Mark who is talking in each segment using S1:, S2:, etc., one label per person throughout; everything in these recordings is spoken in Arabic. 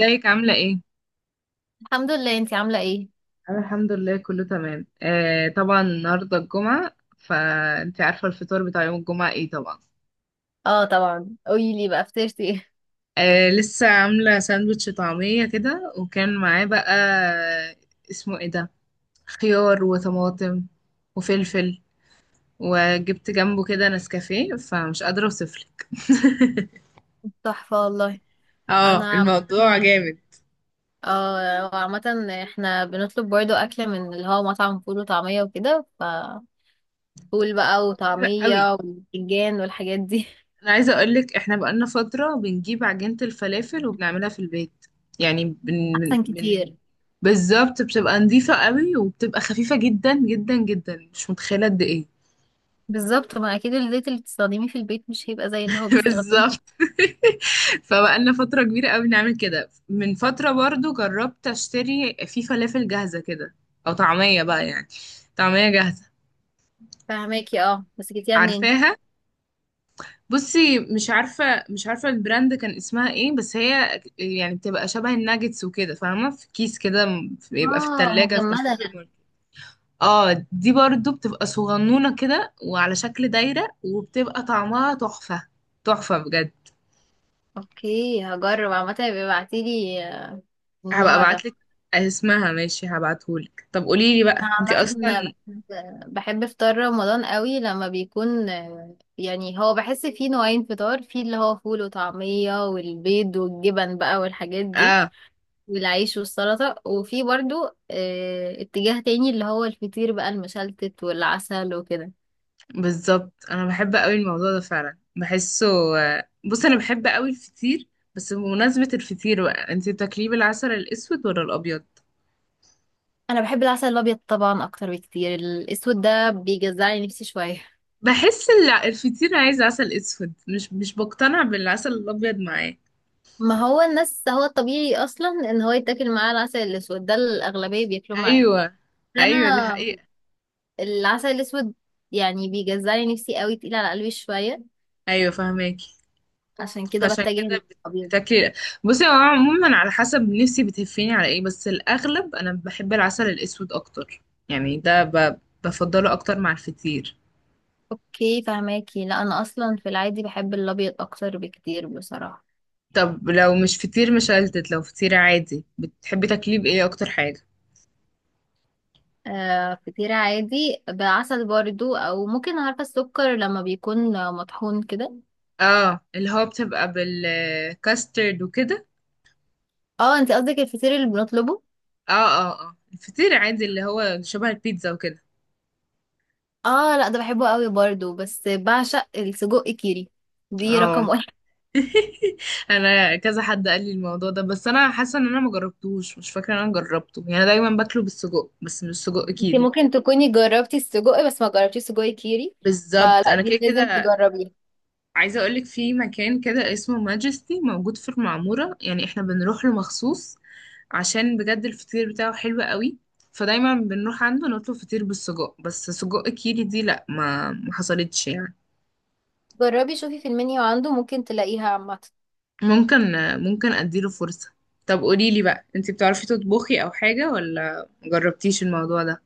S1: ازيك عاملة ايه؟
S2: الحمد لله. انتي عاملة ايه؟
S1: انا الحمد لله كله تمام، طبعا النهارده الجمعه، فانت عارفه الفطار بتاع يوم الجمعه ايه طبعا.
S2: اه، طبعا، قوليلي بقى فطرتي ايه؟
S1: آه، لسه عامله ساندوتش طعميه كده، وكان معاه بقى، اسمه ايه ده، خيار وطماطم وفلفل. وجبت جنبه كده نسكافيه، فمش قادره اوصفلك.
S2: تحفة والله.
S1: اه،
S2: انا عامة،
S1: الموضوع جامد.
S2: اه، عامة. احنا بنطلب برضو اكل من اللي هو مطعم فول وطعمية وكده، فول بقى
S1: طب حلو قوي.
S2: وطعمية وبتنجان والحاجات دي.
S1: انا عايزه اقولك احنا بقالنا فتره بنجيب عجينه الفلافل وبنعملها في البيت. يعني بن...
S2: احسن
S1: بن...
S2: كتير.
S1: بالظبط، بتبقى نظيفة قوي وبتبقى خفيفة جدا جدا جدا، مش متخيلة قد ايه.
S2: بالظبط، ما اكيد الزيت اللي بتستخدميه في البيت مش هيبقى زي اللي هو بيستخدمه.
S1: بالظبط. فبقالنا فترة كبيرة قوي نعمل كده. من فترة برضو جربت اشتري في فلافل جاهزة كده، او طعمية بقى يعني، طعمية جاهزة.
S2: فهماكي، اه، بس جبتيها منين؟
S1: عارفاها، بصي مش عارفة، مش عارفة البراند كان اسمها ايه، بس هي يعني بتبقى شبه الناجتس وكده، فاهمة، في كيس كده، بيبقى في
S2: اه،
S1: التلاجة في
S2: مجمدة.
S1: السوبر ماركت. اه، دي برضو بتبقى صغنونة كده وعلى شكل دايرة، وبتبقى طعمها تحفة. تحفة بجد.
S2: اوكي، هجرب عامة، يبقى ابعتيلي
S1: هبقى
S2: النوع ده.
S1: ابعتلك اسمها، ماشي، هبعتهولك. طب قوليلي
S2: أنا
S1: بقى انتي
S2: عامة
S1: اصلا.
S2: بحب فطار رمضان قوي لما بيكون، يعني هو بحس فيه نوعين فطار، فيه اللي هو فول وطعمية والبيض والجبن بقى والحاجات دي
S1: اه،
S2: والعيش والسلطة، وفي برضو اتجاه تاني اللي هو الفطير بقى المشلتت والعسل وكده.
S1: بالظبط انا بحب قوي الموضوع ده، فعلا بحسه. بص انا بحب قوي الفطير. بس بمناسبة الفطير بقى، انتي بتاكليه بالعسل الاسود ولا الابيض؟
S2: أنا بحب العسل الأبيض طبعا أكتر بكتير، الأسود ده بيجزعلي نفسي شوية.
S1: بحس الفطير عايز عسل اسود، مش بقتنع بالعسل الابيض معاه.
S2: ما هو الناس، هو الطبيعي أصلا إن هو يتاكل معاه العسل الأسود، ده الأغلبية بياكلوه معاه.
S1: ايوه. ايوه، دي
S2: انا
S1: حقيقة.
S2: العسل الأسود يعني بيجزعني نفسي قوي، تقيل على قلبي شوية،
S1: ايوه فهماكي.
S2: عشان كده
S1: فعشان
S2: بتجه
S1: كده
S2: للأبيض.
S1: بتاكلي. بصي هو عموما على حسب نفسي بتهفيني على ايه، بس الاغلب انا بحب العسل الاسود اكتر. يعني ده ب... بفضله اكتر مع الفطير.
S2: اوكي فهماكي. لا، أنا أصلا في العادي بحب الأبيض أكتر بكتير بصراحة.
S1: طب لو مش فطير مشلتت، لو فطير عادي بتحبي تاكليه بايه اكتر حاجه؟
S2: فطيرة عادي بعسل برضو، أو ممكن، عارفة، السكر لما بيكون مطحون كده.
S1: اه، اللي هو بتبقى بالكاسترد وكده.
S2: اه، انتي قصدك الفطير اللي بنطلبه.
S1: اه اه اه، الفطير عادي اللي هو شبه البيتزا وكده.
S2: اه لا، ده بحبه قوي برضو، بس بعشق السجق كيري، دي رقم
S1: اه.
S2: واحد.
S1: انا كذا حد قال لي الموضوع ده، بس انا حاسه ان انا ما جربتوش، مش فاكره ان انا جربته، يعني انا دايما باكله بالسجق بس مش السجق
S2: انتي
S1: كيري.
S2: ممكن تكوني جربتي السجق بس ما جربتيش سجق كيري،
S1: بالظبط،
S2: فلا
S1: انا كده
S2: دي لازم
S1: كده.
S2: تجربيها.
S1: عايزه اقولك في مكان كده اسمه ماجستي، موجود في المعموره، يعني احنا بنروح له مخصوص عشان بجد الفطير بتاعه حلو قوي. فدايما بنروح عنده نطلب فطير بالسجق، بس سجق كيري دي لا، ما حصلتش يعني.
S2: جربي شوفي في المنيو عنده، ممكن تلاقيها عامة.
S1: ممكن ممكن اديله فرصة. طب قوليلي بقى انتي بتعرفي تطبخي او حاجة، ولا مجربتيش الموضوع ده؟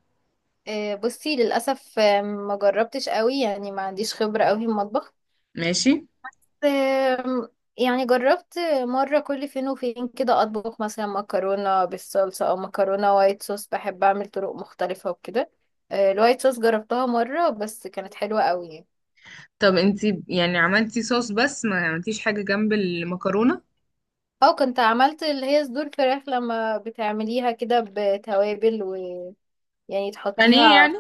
S2: بصي، للأسف ما جربتش قوي، يعني ما عنديش خبرة قوي في المطبخ.
S1: ماشي.
S2: آم، يعني جربت مرة كل فين وفين كده أطبخ مثلا مكرونة بالصلصة أو مكرونة وايت صوص، بحب أعمل طرق مختلفة وكده. الوايت صوص جربتها مرة بس كانت حلوة قوي يعني.
S1: طب انتي يعني عملتي صوص بس ما عملتيش حاجة جنب المكرونة؟
S2: أو كنت عملت اللي هي صدور فراخ، لما بتعمليها كده بتوابل ويعني
S1: بانيه
S2: تحطيها.
S1: يعني.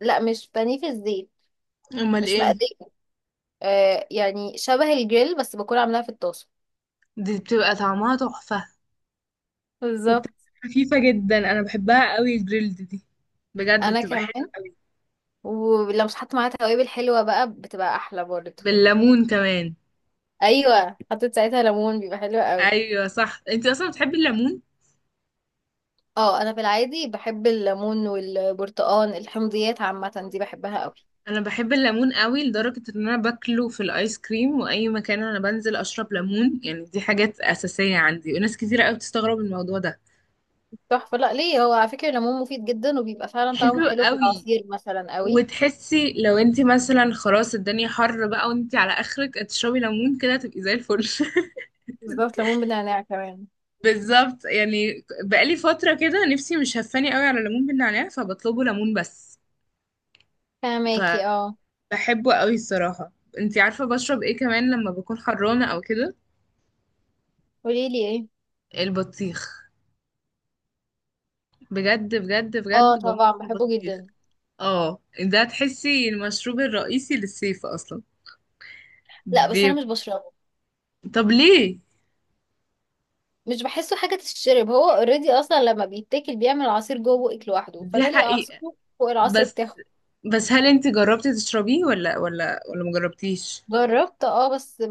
S2: لا، مش بانيه في الزيت،
S1: امال
S2: مش
S1: ايه.
S2: مقلية. يعني شبه الجريل بس بكون عاملاها في الطاسة.
S1: دي بتبقى طعمها تحفة،
S2: بالظبط.
S1: وبتبقى خفيفة جدا، انا بحبها قوي الجريلد دي، بجد
S2: انا
S1: بتبقى حلوة
S2: كمان.
S1: قوي.
S2: ولو مش حط معاها توابل حلوة بقى بتبقى احلى برضه.
S1: بالليمون كمان.
S2: ايوه، حطيت ساعتها ليمون بيبقى حلو قوي.
S1: ايوه صح، انتي اصلا بتحبي الليمون.
S2: اه، انا في العادي بحب الليمون والبرتقان، الحمضيات عامة دي بحبها قوي.
S1: انا بحب الليمون قوي، لدرجة ان انا باكله في الايس كريم، واي مكان انا بنزل اشرب ليمون، يعني دي حاجات اساسية عندي، وناس كتيرة قوي بتستغرب من الموضوع ده.
S2: تحفه. لا ليه، هو على فكره الليمون مفيد جدا وبيبقى فعلا طعمه
S1: حلو
S2: حلو في
S1: قوي.
S2: العصير مثلا قوي.
S1: وتحسي لو انت مثلا خلاص الدنيا حر بقى، وانت على اخرك تشربي ليمون كده، تبقي زي الفل.
S2: بالظبط، ليمون بنعناع كمان.
S1: بالظبط، يعني بقالي فترة كده نفسي، مش هفاني قوي على ليمون بالنعناع، فبطلبه ليمون بس.
S2: فهماكي، اه.
S1: فبحبه قوي الصراحة. انت عارفة بشرب ايه كمان لما بكون حرانة او كده؟
S2: قولي لي ايه.
S1: البطيخ. بجد بجد
S2: اه
S1: بجد بموت
S2: طبعا
S1: في
S2: بحبه
S1: البطيخ.
S2: جدا.
S1: اه ده تحسي المشروب الرئيسي للصيف اصلا.
S2: لا بس انا
S1: بي...
S2: مش بشربه،
S1: طب ليه؟
S2: مش بحسه حاجة تشرب، هو اوريدي اصلا لما بيتاكل بيعمل عصير جوه بقك لوحده،
S1: دي
S2: فانا ليه
S1: حقيقة.
S2: اعصره فوق العصر
S1: بس
S2: بتاعه.
S1: بس هل انت جربتي تشربيه، ولا مجربتيش؟
S2: جربت، بس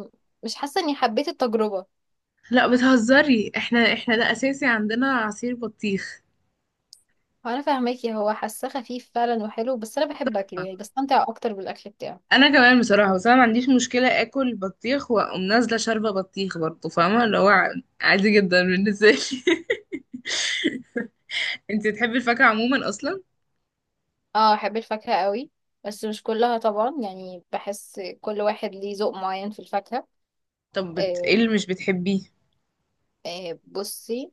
S2: مش حاسة اني حبيت التجربة.
S1: لا بتهزري، احنا ده اساسي عندنا عصير بطيخ.
S2: انا فاهماكي، هو حاساه خفيف فعلا وحلو، بس انا بحب اكله يعني، بستمتع اكتر بالاكل بتاعه.
S1: انا كمان بصراحة، بس انا ما عنديش مشكلة اكل بطيخ واقوم نازلة شاربة بطيخ برضه، فاهمة اللي هو، عادي جدا بالنسبة لي. انت تحبي الفاكهة عموما اصلا.
S2: اه، احب الفاكهة قوي، بس مش كلها طبعا، يعني بحس كل واحد ليه ذوق معين في الفاكهة.
S1: ايه
S2: آه
S1: اللي مش بتحبيه؟
S2: بصي،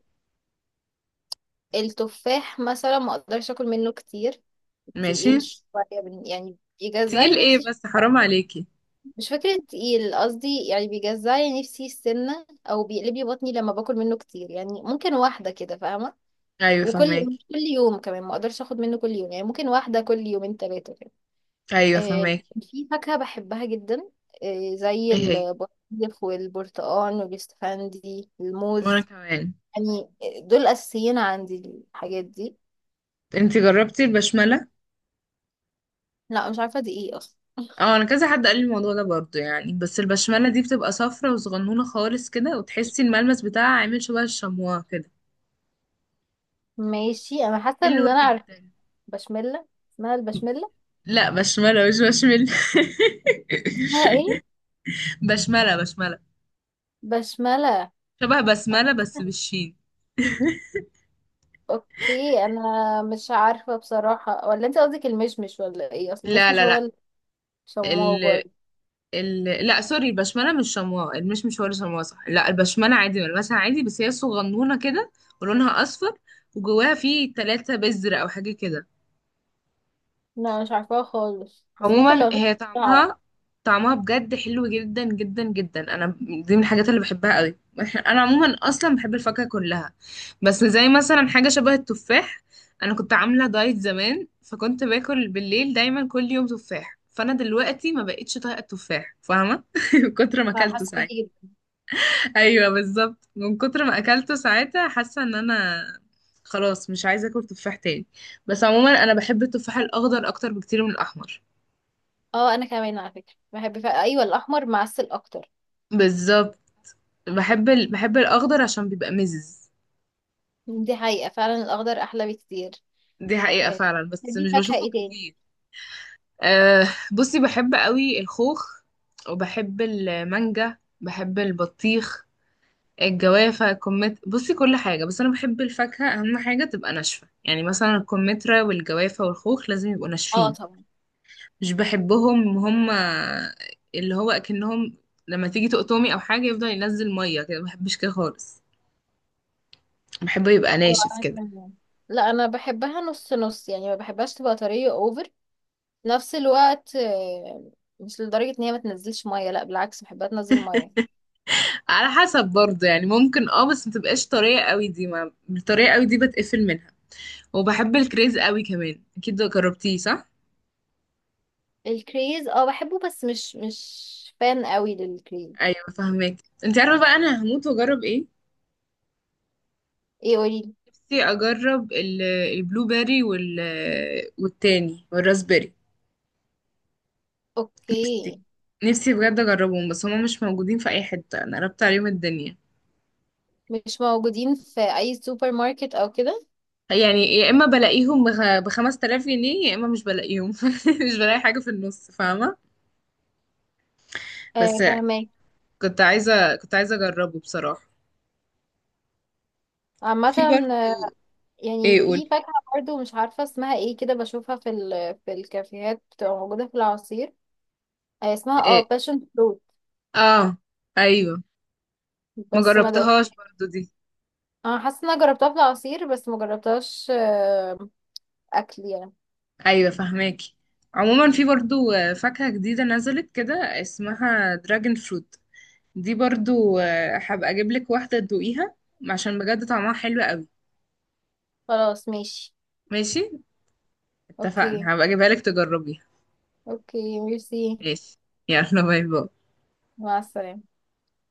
S2: التفاح مثلا ما اقدرش اكل منه كتير،
S1: ماشي.
S2: تقيل شوية، يعني
S1: تقيل
S2: بيجزعلي
S1: ايه
S2: نفسي
S1: بس حرام
S2: شوية.
S1: عليكي.
S2: مش فكرة تقيل قصدي، يعني بيجزعلي نفسي السنة أو بيقلب لي بطني لما باكل منه كتير، يعني ممكن واحدة كده، فاهمة.
S1: ايوه
S2: وكل
S1: فهماكي.
S2: مش كل يوم كمان ما أقدرش أخد منه كل يوم، يعني ممكن واحدة كل يومين تلاتة كده.
S1: ايوه
S2: آه،
S1: فهماكي.
S2: في فاكهة بحبها جدا، زي
S1: ايه هي،
S2: البطيخ والبرتقال والاستفندي،
S1: وانا
S2: الموز
S1: كمان.
S2: يعني، دول أساسيين عندي، الحاجات دي.
S1: انتي جربتي البشمله؟
S2: لا، مش عارفة دي ايه أصلا.
S1: اه، انا كذا حد قال لي الموضوع ده برضو يعني، بس البشمله دي بتبقى صفرة وصغنونه خالص كده، وتحسي الملمس بتاعها عامل شبه الشموع كده.
S2: ماشي، أنا حاسة إن
S1: حلوه
S2: أنا عارفة،
S1: جدا.
S2: بشملة، اسمها البشملة.
S1: لا، بشمله مش بشمل.
S2: اسمها ايه؟
S1: بشمله، بشمله.
S2: بشملة.
S1: شبه بسمله بس بالشين.
S2: اوكي، انا مش عارفه بصراحه، ولا انت قصدك المشمش ولا ايه، اصل
S1: لا
S2: المشمش
S1: لا.
S2: هو
S1: لا،
S2: الشماوة برضه.
S1: لا سوري، البشمله مش شمواء، مش هو اللي شمواء، صح؟ لا، البشمله عادي، ملمسها عادي، بس هي صغنونه كده، ولونها اصفر، وجواها فيه 3 بذر او حاجه كده.
S2: لا، مش عارفاها خالص، بس ممكن لو
S1: عموما
S2: غبت
S1: هي
S2: اعرف.
S1: طعمها، طعمها بجد حلو جدا جدا جدا، انا دي من الحاجات اللي بحبها قوي. انا عموما اصلا بحب الفاكهه كلها، بس زي مثلا حاجه شبه التفاح، انا كنت عامله دايت زمان، فكنت باكل بالليل دايما كل يوم تفاح، فانا دلوقتي ما بقتش طايقه التفاح، فاهمه، من كتر ما اكلته
S2: حاسه بيكي
S1: ساعتها.
S2: جدا.
S1: ايوه بالظبط، من كتر ما اكلته ساعتها حاسه ان انا خلاص مش عايزه اكل تفاح تاني. بس عموما انا بحب التفاح الاخضر اكتر بكتير من الاحمر.
S2: اه انا كمان على فكره بحب ايوه، الاحمر معسل اكتر.
S1: بالظبط. بحب الاخضر عشان بيبقى مزز.
S2: دي حقيقه فعلا، الاخضر احلى بكتير.
S1: دي حقيقه
S2: آه،
S1: فعلا. بس
S2: بتحبي
S1: مش
S2: فاكهه
S1: بشوفه
S2: ايه تاني؟
S1: كتير. أه، بصي بحب قوي الخوخ، وبحب المانجا، بحب البطيخ، الجوافة، الكمت. بصي كل حاجة، بس أنا بحب الفاكهة أهم حاجة تبقى ناشفة، يعني مثلا الكمثرى والجوافة والخوخ لازم يبقوا
S2: اه
S1: ناشفين،
S2: طبعا.
S1: مش بحبهم هم اللي هو اكنهم لما تيجي تقطمي او حاجه يفضل ينزل ميه كده، ما بحبش كده خالص، بحبه يبقى
S2: اه
S1: ناشف
S2: انا
S1: كده.
S2: كمان. لا انا بحبها نص نص، يعني ما بحبهاش تبقى طريه اوفر في نفس الوقت، مش لدرجه ان هي ما تنزلش ميه، لا بالعكس بحبها تنزل ميه.
S1: على حسب برضه يعني، ممكن اه بس ما تبقاش طريه قوي، دي ما الطريه قوي دي بتقفل منها. وبحب الكريز قوي كمان، اكيد جربتيه صح؟
S2: الكريز، اه بحبه بس مش فان قوي للكريز.
S1: ايوه فاهمك. انت عارفه بقى انا هموت واجرب ايه؟
S2: ايه قولي.
S1: نفسي اجرب البلو بيري، والتاني والراسبيري. نفسي
S2: اوكي.
S1: نفسي بجد اجربهم، بس هما مش موجودين في اي حته، انا قربت عليهم الدنيا.
S2: مش موجودين في اي سوبر ماركت او كده؟
S1: يعني يا اما بلاقيهم بخمس تلاف جنيه، يا اما مش بلاقيهم، مش بلاقي حاجه في النص، فاهمه. بس
S2: آه فهماك.
S1: كنت عايزه اجربه بصراحه.
S2: عامة،
S1: في
S2: آه،
S1: برضه. ايه
S2: يعني
S1: قول.
S2: في فاكهة برضو مش عارفة اسمها ايه كده، بشوفها في الكافيهات، بتبقى موجودة في العصير. اسمها
S1: إيه؟
S2: باشن فروت،
S1: اه ايوه. ما
S2: بس ما
S1: جربتهاش
S2: دقتهاش.
S1: برضو دي.
S2: انا حاسة ان انا جربتها في العصير بس ما جربتهاش، اكل يعني.
S1: ايوه فهماكي. عموما في برضو، آه، فاكهه جديده نزلت كده، اسمها دراجون فروت. دي برضو، آه، هبقى اجيب لك واحده تدوقيها عشان بجد طعمها حلو قوي.
S2: خلاص ماشي.
S1: ماشي،
S2: اوكي.
S1: اتفقنا، هبقى اجيبها لك تجربيها.
S2: اوكي ميرسي.
S1: ماشي، يلا باي باي.
S2: مع السلامة.